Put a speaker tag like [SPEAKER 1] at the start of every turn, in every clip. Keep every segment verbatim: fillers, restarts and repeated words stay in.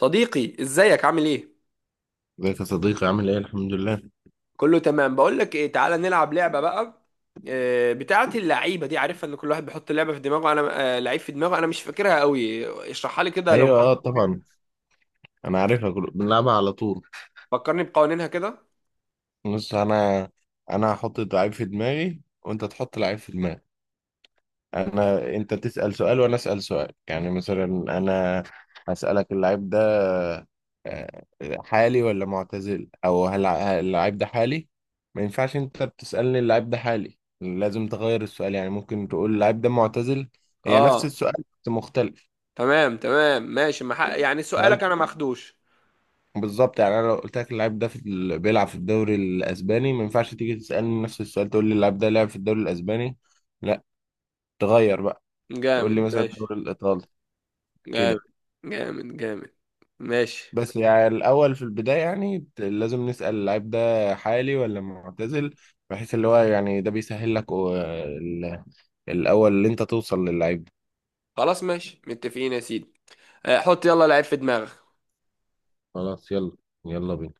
[SPEAKER 1] صديقي ازيك عامل ايه؟
[SPEAKER 2] ازيك يا صديقي، عامل ايه؟ الحمد لله.
[SPEAKER 1] كله تمام. بقول لك ايه، تعالى نلعب لعبه بقى. آه، بتاعه اللعيبه دي عارفها ان كل واحد بيحط لعبه في دماغه، انا آه، لعيب في دماغه، انا مش فاكرها قوي، اشرحها لي كده لو
[SPEAKER 2] ايوه اه
[SPEAKER 1] فكرتني.
[SPEAKER 2] طبعا. انا عارفها. كل- بنلعبها على طول.
[SPEAKER 1] فكرني بقوانينها كده.
[SPEAKER 2] بص، انا انا هحط لعيب في دماغي وانت تحط لعيب في دماغك. انا انت تسأل سؤال وانا اسأل سؤال، يعني مثلا انا هسألك اللعيب ده، آه، حالي ولا معتزل، او هل هل اللعيب ده حالي. ما ينفعش انت بتسألني اللعيب ده حالي، لازم تغير السؤال. يعني ممكن تقول اللعيب ده معتزل. هي نفس
[SPEAKER 1] اه
[SPEAKER 2] السؤال بس مختلف.
[SPEAKER 1] تمام تمام ماشي. ما حق- يعني سؤالك
[SPEAKER 2] هل؟
[SPEAKER 1] انا ماخدوش.
[SPEAKER 2] بالظبط. يعني انا لو قلت لك اللاعب ده في ال- بيلعب في الدوري الاسباني، ما ينفعش تيجي تسالني نفس السؤال تقول لي اللاعب ده لعب في الدوري الاسباني. لا، تغير بقى، تقول
[SPEAKER 1] جامد
[SPEAKER 2] لي مثلا
[SPEAKER 1] ماشي.
[SPEAKER 2] الدوري الايطالي،
[SPEAKER 1] جامد
[SPEAKER 2] كده.
[SPEAKER 1] جامد. جامد ماشي.
[SPEAKER 2] بس يعني الاول، في البدايه يعني، ت- لازم نسال اللاعب ده حالي ولا معتزل، بحيث اللي هو يعني ده بيسهل لك، و- ال- الاول اللي انت توصل للعيب ده.
[SPEAKER 1] خلاص ماشي متفقين يا سيدي. آه، حط يلا لعيب في دماغك.
[SPEAKER 2] خلاص يلا، يلا بينا.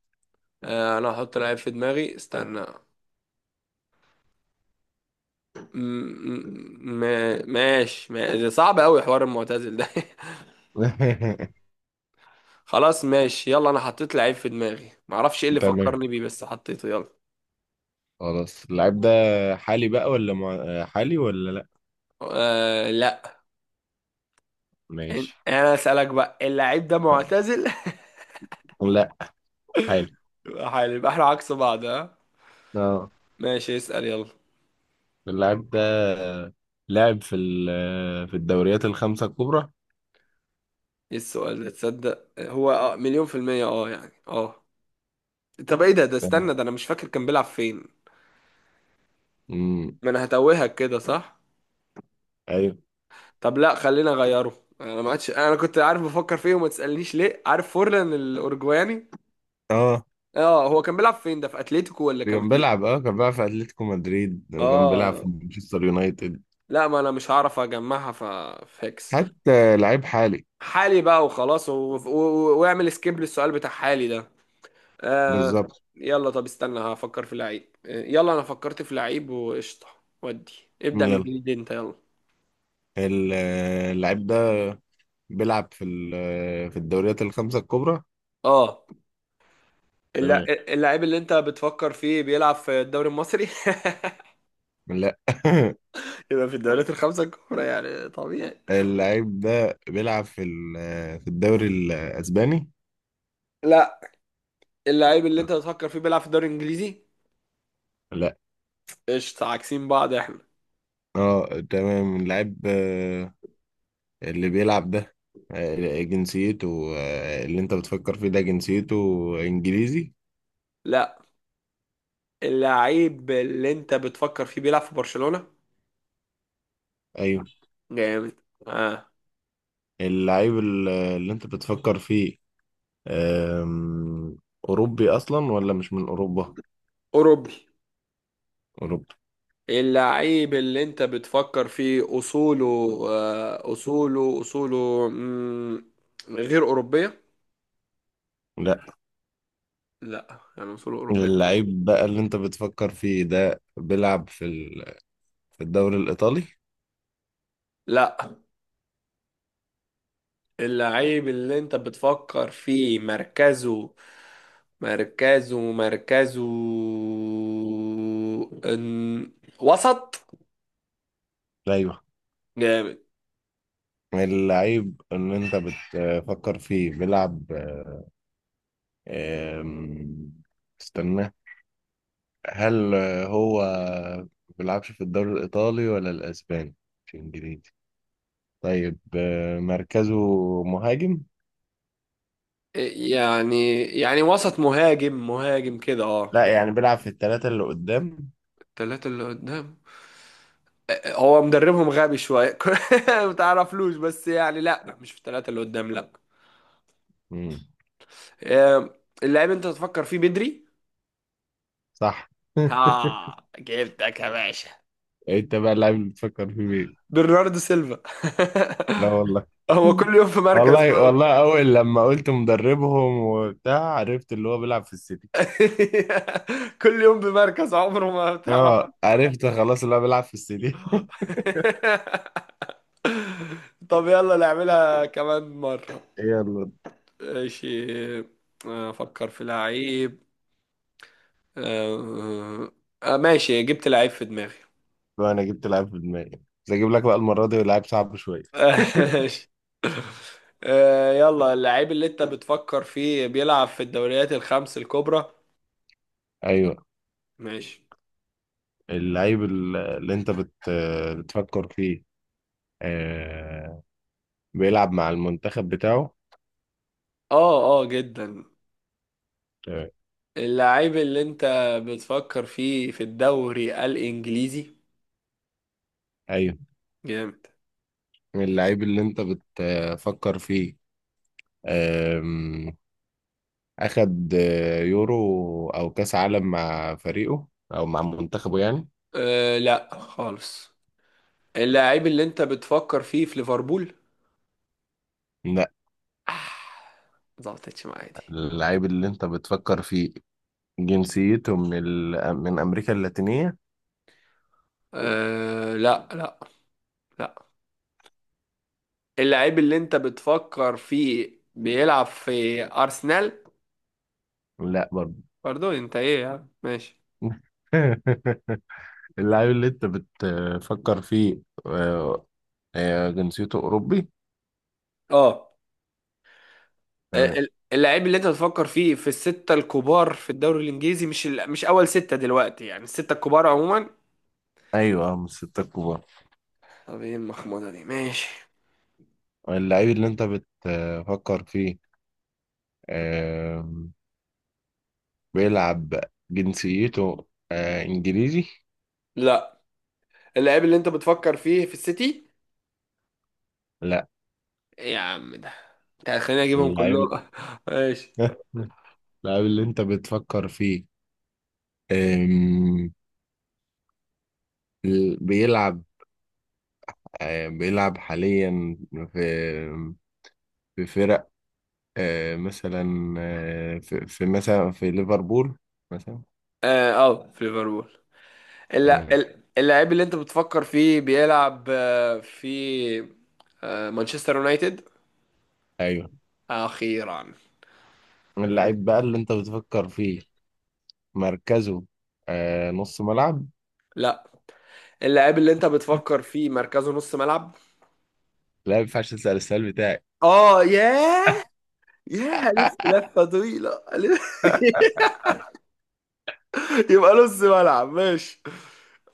[SPEAKER 1] آه، انا هحط لعيب في دماغي استنى. م- م- ماشي. ما- ده صعب قوي حوار المعتزل ده. خلاص ماشي يلا، انا حطيت لعيب في دماغي، معرفش ايه اللي
[SPEAKER 2] تمام.
[SPEAKER 1] فكرني بيه بس حطيته، يلا.
[SPEAKER 2] خلاص، اللاعب ده حالي بقى ولا مع... حالي ولا لا؟
[SPEAKER 1] آه لا. إن-
[SPEAKER 2] ماشي.
[SPEAKER 1] انا اسالك بقى، اللعيب ده معتزل؟
[SPEAKER 2] لا، حالي.
[SPEAKER 1] يبقى حلو، يبقى احنا عكس بعض، ها.
[SPEAKER 2] اه.
[SPEAKER 1] ماشي اسال يلا.
[SPEAKER 2] اللاعب ده لعب في ال- في الدوريات الخمسة الكبرى؟
[SPEAKER 1] ايه السؤال ده؟ تصدق هو اه مليون في المية، اه يعني اه. طب ايه ده؟ ده استنى، ده انا مش فاكر كان بيلعب فين.
[SPEAKER 2] امم
[SPEAKER 1] ما انا هتوهك كده، صح.
[SPEAKER 2] ايوه.
[SPEAKER 1] طب لا خلينا اغيره، انا ما عادش انا كنت عارف بفكر فيه، وما تسالنيش ليه، عارف فورلان الاورجواني؟
[SPEAKER 2] اه
[SPEAKER 1] اه، هو كان بيلعب فين ده؟ في اتلتيكو ولا كان
[SPEAKER 2] كان
[SPEAKER 1] فين؟
[SPEAKER 2] بيلعب اه كان بيلعب في اتلتيكو مدريد، كان بيلعب
[SPEAKER 1] اه
[SPEAKER 2] في مانشستر يونايتد.
[SPEAKER 1] لا، ما انا مش هعرف اجمعها، ف فيكس.
[SPEAKER 2] حتى لعيب حالي.
[SPEAKER 1] حالي بقى وخلاص و... و... واعمل سكيب للسؤال بتاع حالي ده. آه.
[SPEAKER 2] بالظبط.
[SPEAKER 1] يلا طب استنى هفكر في لعيب. آه، يلا انا فكرت في لعيب وقشطه. ودي ابدأ من
[SPEAKER 2] يلا.
[SPEAKER 1] جديد انت، يلا.
[SPEAKER 2] ال- اللعيب ده بيلعب في ال- في الدوريات الخمسة الكبرى؟
[SPEAKER 1] اه. اللع-
[SPEAKER 2] تمام.
[SPEAKER 1] اللعيب اللي انت بتفكر فيه بيلعب في الدوري المصري؟
[SPEAKER 2] لا.
[SPEAKER 1] يبقى في الدوريات الخمسة الكبرى يعني طبيعي.
[SPEAKER 2] اللعيب ده بيلعب في ال- في الدوري الاسباني؟
[SPEAKER 1] لا، اللعيب اللي انت بتفكر فيه بيلعب في الدوري الانجليزي.
[SPEAKER 2] لا.
[SPEAKER 1] قشطة، عاكسين بعض احنا.
[SPEAKER 2] اه تمام. اللعيب اللي بيلعب ده، آه، جنسيته، آه، اللي انت بتفكر فيه ده جنسيته انجليزي؟
[SPEAKER 1] لا، اللعيب اللي انت بتفكر فيه بيلعب في برشلونة.
[SPEAKER 2] ايوه.
[SPEAKER 1] جامد. اه.
[SPEAKER 2] اللعيب ال- اللي انت بتفكر فيه، آم، اوروبي اصلا ولا مش من اوروبا؟
[SPEAKER 1] اوروبي.
[SPEAKER 2] اوروبي.
[SPEAKER 1] اللعيب اللي انت بتفكر فيه اصوله، آه اصوله اصوله مم، غير اوروبية.
[SPEAKER 2] لا.
[SPEAKER 1] لا يعني اصوله اوروبية.
[SPEAKER 2] اللعيب بقى اللي انت بتفكر فيه ده بيلعب في ال- في الدوري الايطالي؟
[SPEAKER 1] لا، اللعيب اللي انت بتفكر فيه مركزه، مركزه مركزه ان وسط.
[SPEAKER 2] ايوه.
[SPEAKER 1] جامد.
[SPEAKER 2] اللعيب اللي انت بتفكر فيه بيلعب، آم، استنى. هل هو ما بيلعبش في الدوري الإيطالي ولا الأسباني؟ مش إنجليزي؟ طيب آه، مركزه مهاجم؟
[SPEAKER 1] يعني يعني وسط مهاجم، مهاجم كده اه.
[SPEAKER 2] لا، يعني بيلعب في الثلاثة اللي قدام.
[SPEAKER 1] التلاتة اللي قدام. هو مدربهم غبي شوية. ما تعرفلوش بس، يعني لا لا، مش في التلاتة اللي قدام، لا.
[SPEAKER 2] مم.
[SPEAKER 1] آه، اللعيب انت تفكر فيه بدري.
[SPEAKER 2] صح.
[SPEAKER 1] اه جبتك يا باشا.
[SPEAKER 2] انت بقى اللاعب اللي بتفكر فيه مين؟
[SPEAKER 1] برناردو سيلفا.
[SPEAKER 2] لا والله.
[SPEAKER 1] هو كل يوم في مركز
[SPEAKER 2] والله
[SPEAKER 1] بقى.
[SPEAKER 2] والله، أول لما قلت مدربهم وبتاع عرفت اللي هو بيلعب في السيتي.
[SPEAKER 1] كل يوم بمركز عمره ما بتعرف.
[SPEAKER 2] اه عرفت خلاص، اللي هو بيلعب في السيتي.
[SPEAKER 1] طب يلا نعملها كمان مرة.
[SPEAKER 2] يلا.
[SPEAKER 1] ماشي. افكر في لعيب. آه، آه، ماشي جبت لعيب في دماغي.
[SPEAKER 2] بقى انا جبت لاعب في دماغي، بس اجيب لك بقى المرة دي لاعب صعب شوية.
[SPEAKER 1] ماشي. آه، يلا، اللعيب اللي انت بتفكر فيه بيلعب في الدوريات الخمس الكبرى؟
[SPEAKER 2] ايوه.
[SPEAKER 1] ماشي.
[SPEAKER 2] اللعيب ال- اللي انت بت بتفكر فيه، آه، بيلعب مع المنتخب بتاعه؟
[SPEAKER 1] اه اه جدا.
[SPEAKER 2] آه،
[SPEAKER 1] اللعيب اللي انت بتفكر فيه في الدوري الانجليزي؟
[SPEAKER 2] ايوه.
[SPEAKER 1] جامد.
[SPEAKER 2] اللعيب اللي انت بتفكر فيه، آم، اخد آه، يورو او كاس عالم مع فريقه، او مع منتخبه يعني؟
[SPEAKER 1] أه لا خالص. اللعيب اللي انت بتفكر فيه في ليفربول؟
[SPEAKER 2] لا.
[SPEAKER 1] آه، ظبطتش معايا دي.
[SPEAKER 2] اللعيب اللي انت بتفكر فيه جنسيته من ال... من امريكا اللاتينية؟
[SPEAKER 1] أه لا لا. لا. اللعيب اللي انت بتفكر فيه بيلعب في ارسنال؟
[SPEAKER 2] لا برضه.
[SPEAKER 1] برضو انت ايه يعني، ماشي.
[SPEAKER 2] اللعيب اللي انت بتفكر فيه، آه، آه، جنسيته اوروبي؟
[SPEAKER 1] اه.
[SPEAKER 2] تمام.
[SPEAKER 1] ال- اللعيب اللي انت بتفكر فيه في الستة الكبار في الدوري الانجليزي؟ مش ال... مش اول ستة دلوقتي، يعني الستة الكبار عموما.
[SPEAKER 2] ايوه، آه، من الستة الكبار.
[SPEAKER 1] طب ايه المخموضة دي، ماشي.
[SPEAKER 2] اللعيب اللي انت بتفكر فيه، آم، بيلعب، جنسيته آه، انجليزي؟
[SPEAKER 1] لا، اللاعب اللي انت بتفكر فيه في السيتي؟
[SPEAKER 2] لا.
[SPEAKER 1] يا عم ده، انت خليني اجيبهم
[SPEAKER 2] اللعيب،
[SPEAKER 1] كلهم. ماشي.
[SPEAKER 2] اللعيب اللي انت بتفكر فيه، آم، بيلعب، آه، بيلعب حاليا في في فرق، آه، مثلا، آه، في في مثلا في ليفربول مثلا؟
[SPEAKER 1] اه آه، في ليفربول. اللا-
[SPEAKER 2] تمام.
[SPEAKER 1] ال- اللاعب اللي انت بتفكر فيه بيلعب آه، في آه، مانشستر يونايتد؟
[SPEAKER 2] ايوه.
[SPEAKER 1] اخيرا.
[SPEAKER 2] اللعيب بقى اللي انت بتفكر فيه مركزه، آه، نص ملعب؟
[SPEAKER 1] لا، اللاعب اللي انت بتفكر فيه مركزه نص ملعب؟
[SPEAKER 2] لا ما ينفعش تسأل السؤال بتاعي.
[SPEAKER 1] اه ياه. ياه الف لفه طويله ألف. يبقى نص ملعب، ماشي.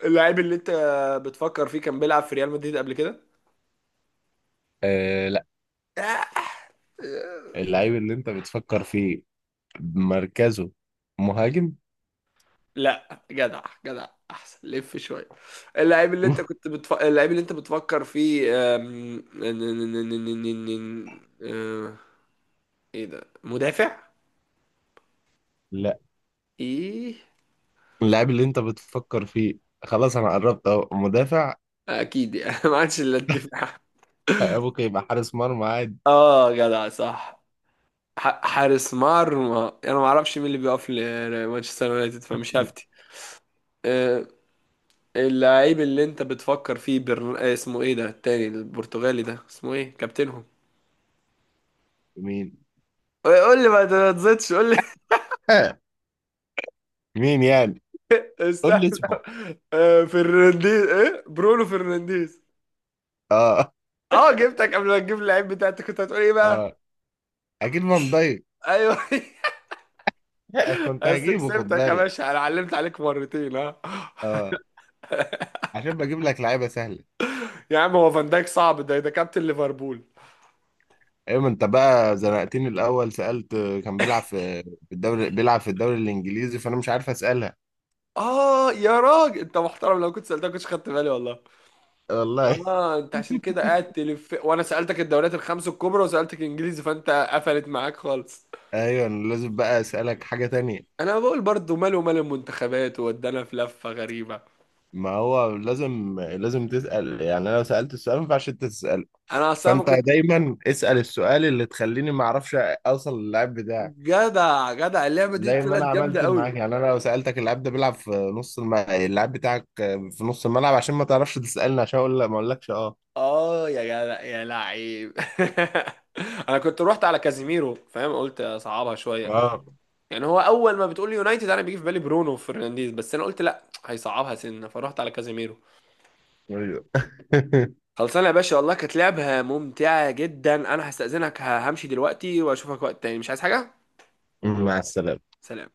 [SPEAKER 1] اللاعب اللي انت بتفكر فيه كان بيلعب في ريال مدريد قبل كده؟
[SPEAKER 2] آه لا.
[SPEAKER 1] آه،
[SPEAKER 2] اللعيب اللي انت بتفكر فيه مركزه مهاجم؟
[SPEAKER 1] لا جدع جدع احسن لف شويه. اللعيب اللي انت كنت بتف... اللعيب اللي انت بتفكر فيه أم، ن- ن- ن- ن- ن- ن- ن- أه، ايه ده مدافع؟
[SPEAKER 2] لا.
[SPEAKER 1] ايه
[SPEAKER 2] اللاعب اللي انت بتفكر فيه، خلاص انا قربت اهو، مدافع؟
[SPEAKER 1] اكيد يعني. ما عادش الا الدفاع.
[SPEAKER 2] آه، ممكن يبقى حارس مرمى عادي.
[SPEAKER 1] اه جدع صح. ح- حارس مرمى، انا ما اعرفش مين اللي بيقف لمانشستر يونايتد فمش هفتي. أه، اللعيب اللي انت بتفكر فيه برن... آه، اسمه ايه ده التاني البرتغالي ده، اسمه ايه كابتنهم؟
[SPEAKER 2] مين؟
[SPEAKER 1] قول لي ما تزيدش قول لي.
[SPEAKER 2] آه، مين يعني؟ قول
[SPEAKER 1] استنى.
[SPEAKER 2] لي اسمه.
[SPEAKER 1] آه، فرنانديز ايه برونو فرنانديز.
[SPEAKER 2] اه.
[SPEAKER 1] اه جبتك. قبل ما تجيب اللعيب بتاعتك كنت هتقول ايه بقى؟
[SPEAKER 2] اه اكيد فان دايك.
[SPEAKER 1] ايوه.
[SPEAKER 2] آه، كنت
[SPEAKER 1] بس
[SPEAKER 2] هجيبه، خد
[SPEAKER 1] كسبتك يا
[SPEAKER 2] بالك.
[SPEAKER 1] باشا، انا علمت عليك مرتين ها.
[SPEAKER 2] اه عشان بجيب لك لعيبه سهله.
[SPEAKER 1] يا عم هو فان دايك صعب؟ ده ده كابتن ليفربول.
[SPEAKER 2] ايوه ما انت بقى زنقتني. الاول سالت آه، كان بيلعب في، في الدوري، بيلعب في الدوري الانجليزي، فانا مش عارف اسالها.
[SPEAKER 1] اه يا راجل انت محترم، لو كنت سالتك كنتش خدت بالي، والله.
[SPEAKER 2] والله.
[SPEAKER 1] اه، انت عشان كده قاعد تلف، وانا سالتك الدوريات الخمس الكبرى وسالتك انجليزي، فانت قفلت معاك خالص.
[SPEAKER 2] ايوه لازم بقى اسالك حاجه تانية.
[SPEAKER 1] انا بقول برضو ماله مال المنتخبات وودانا في لفه غريبه.
[SPEAKER 2] ما هو لازم، لازم تسال. يعني انا لو سالت السؤال ما ينفعش انت تساله،
[SPEAKER 1] انا اصلا ما
[SPEAKER 2] فانت
[SPEAKER 1] كنت.
[SPEAKER 2] دايما اسال السؤال اللي تخليني ما اعرفش اوصل للاعب بتاعك.
[SPEAKER 1] جدع جدع، اللعبة دي
[SPEAKER 2] زي ما
[SPEAKER 1] طلعت
[SPEAKER 2] انا
[SPEAKER 1] جامدة
[SPEAKER 2] عملت
[SPEAKER 1] قوي.
[SPEAKER 2] معاك. يعني انا لو سالتك اللاعب ده بيلعب في نص الم... اللاعب بتاعك في نص الملعب، عشان ما تعرفش تسالني، عشان اقول لا ما اقولكش. اه.
[SPEAKER 1] اه يا جدع يا لعيب. انا كنت رحت على كازيميرو، فاهم؟ قلت اصعبها شويه.
[SPEAKER 2] اه.
[SPEAKER 1] يعني هو اول ما بتقول لي يونايتد انا بيجي في بالي برونو فرنانديز، بس انا قلت لا هيصعبها سنه فرحت على كازيميرو.
[SPEAKER 2] ايوه.
[SPEAKER 1] خلصانه يا باشا، والله كانت لعبه ممتعه جدا، انا هستأذنك همشي دلوقتي واشوفك وقت تاني، مش عايز حاجه.
[SPEAKER 2] مع السلامه.
[SPEAKER 1] سلام.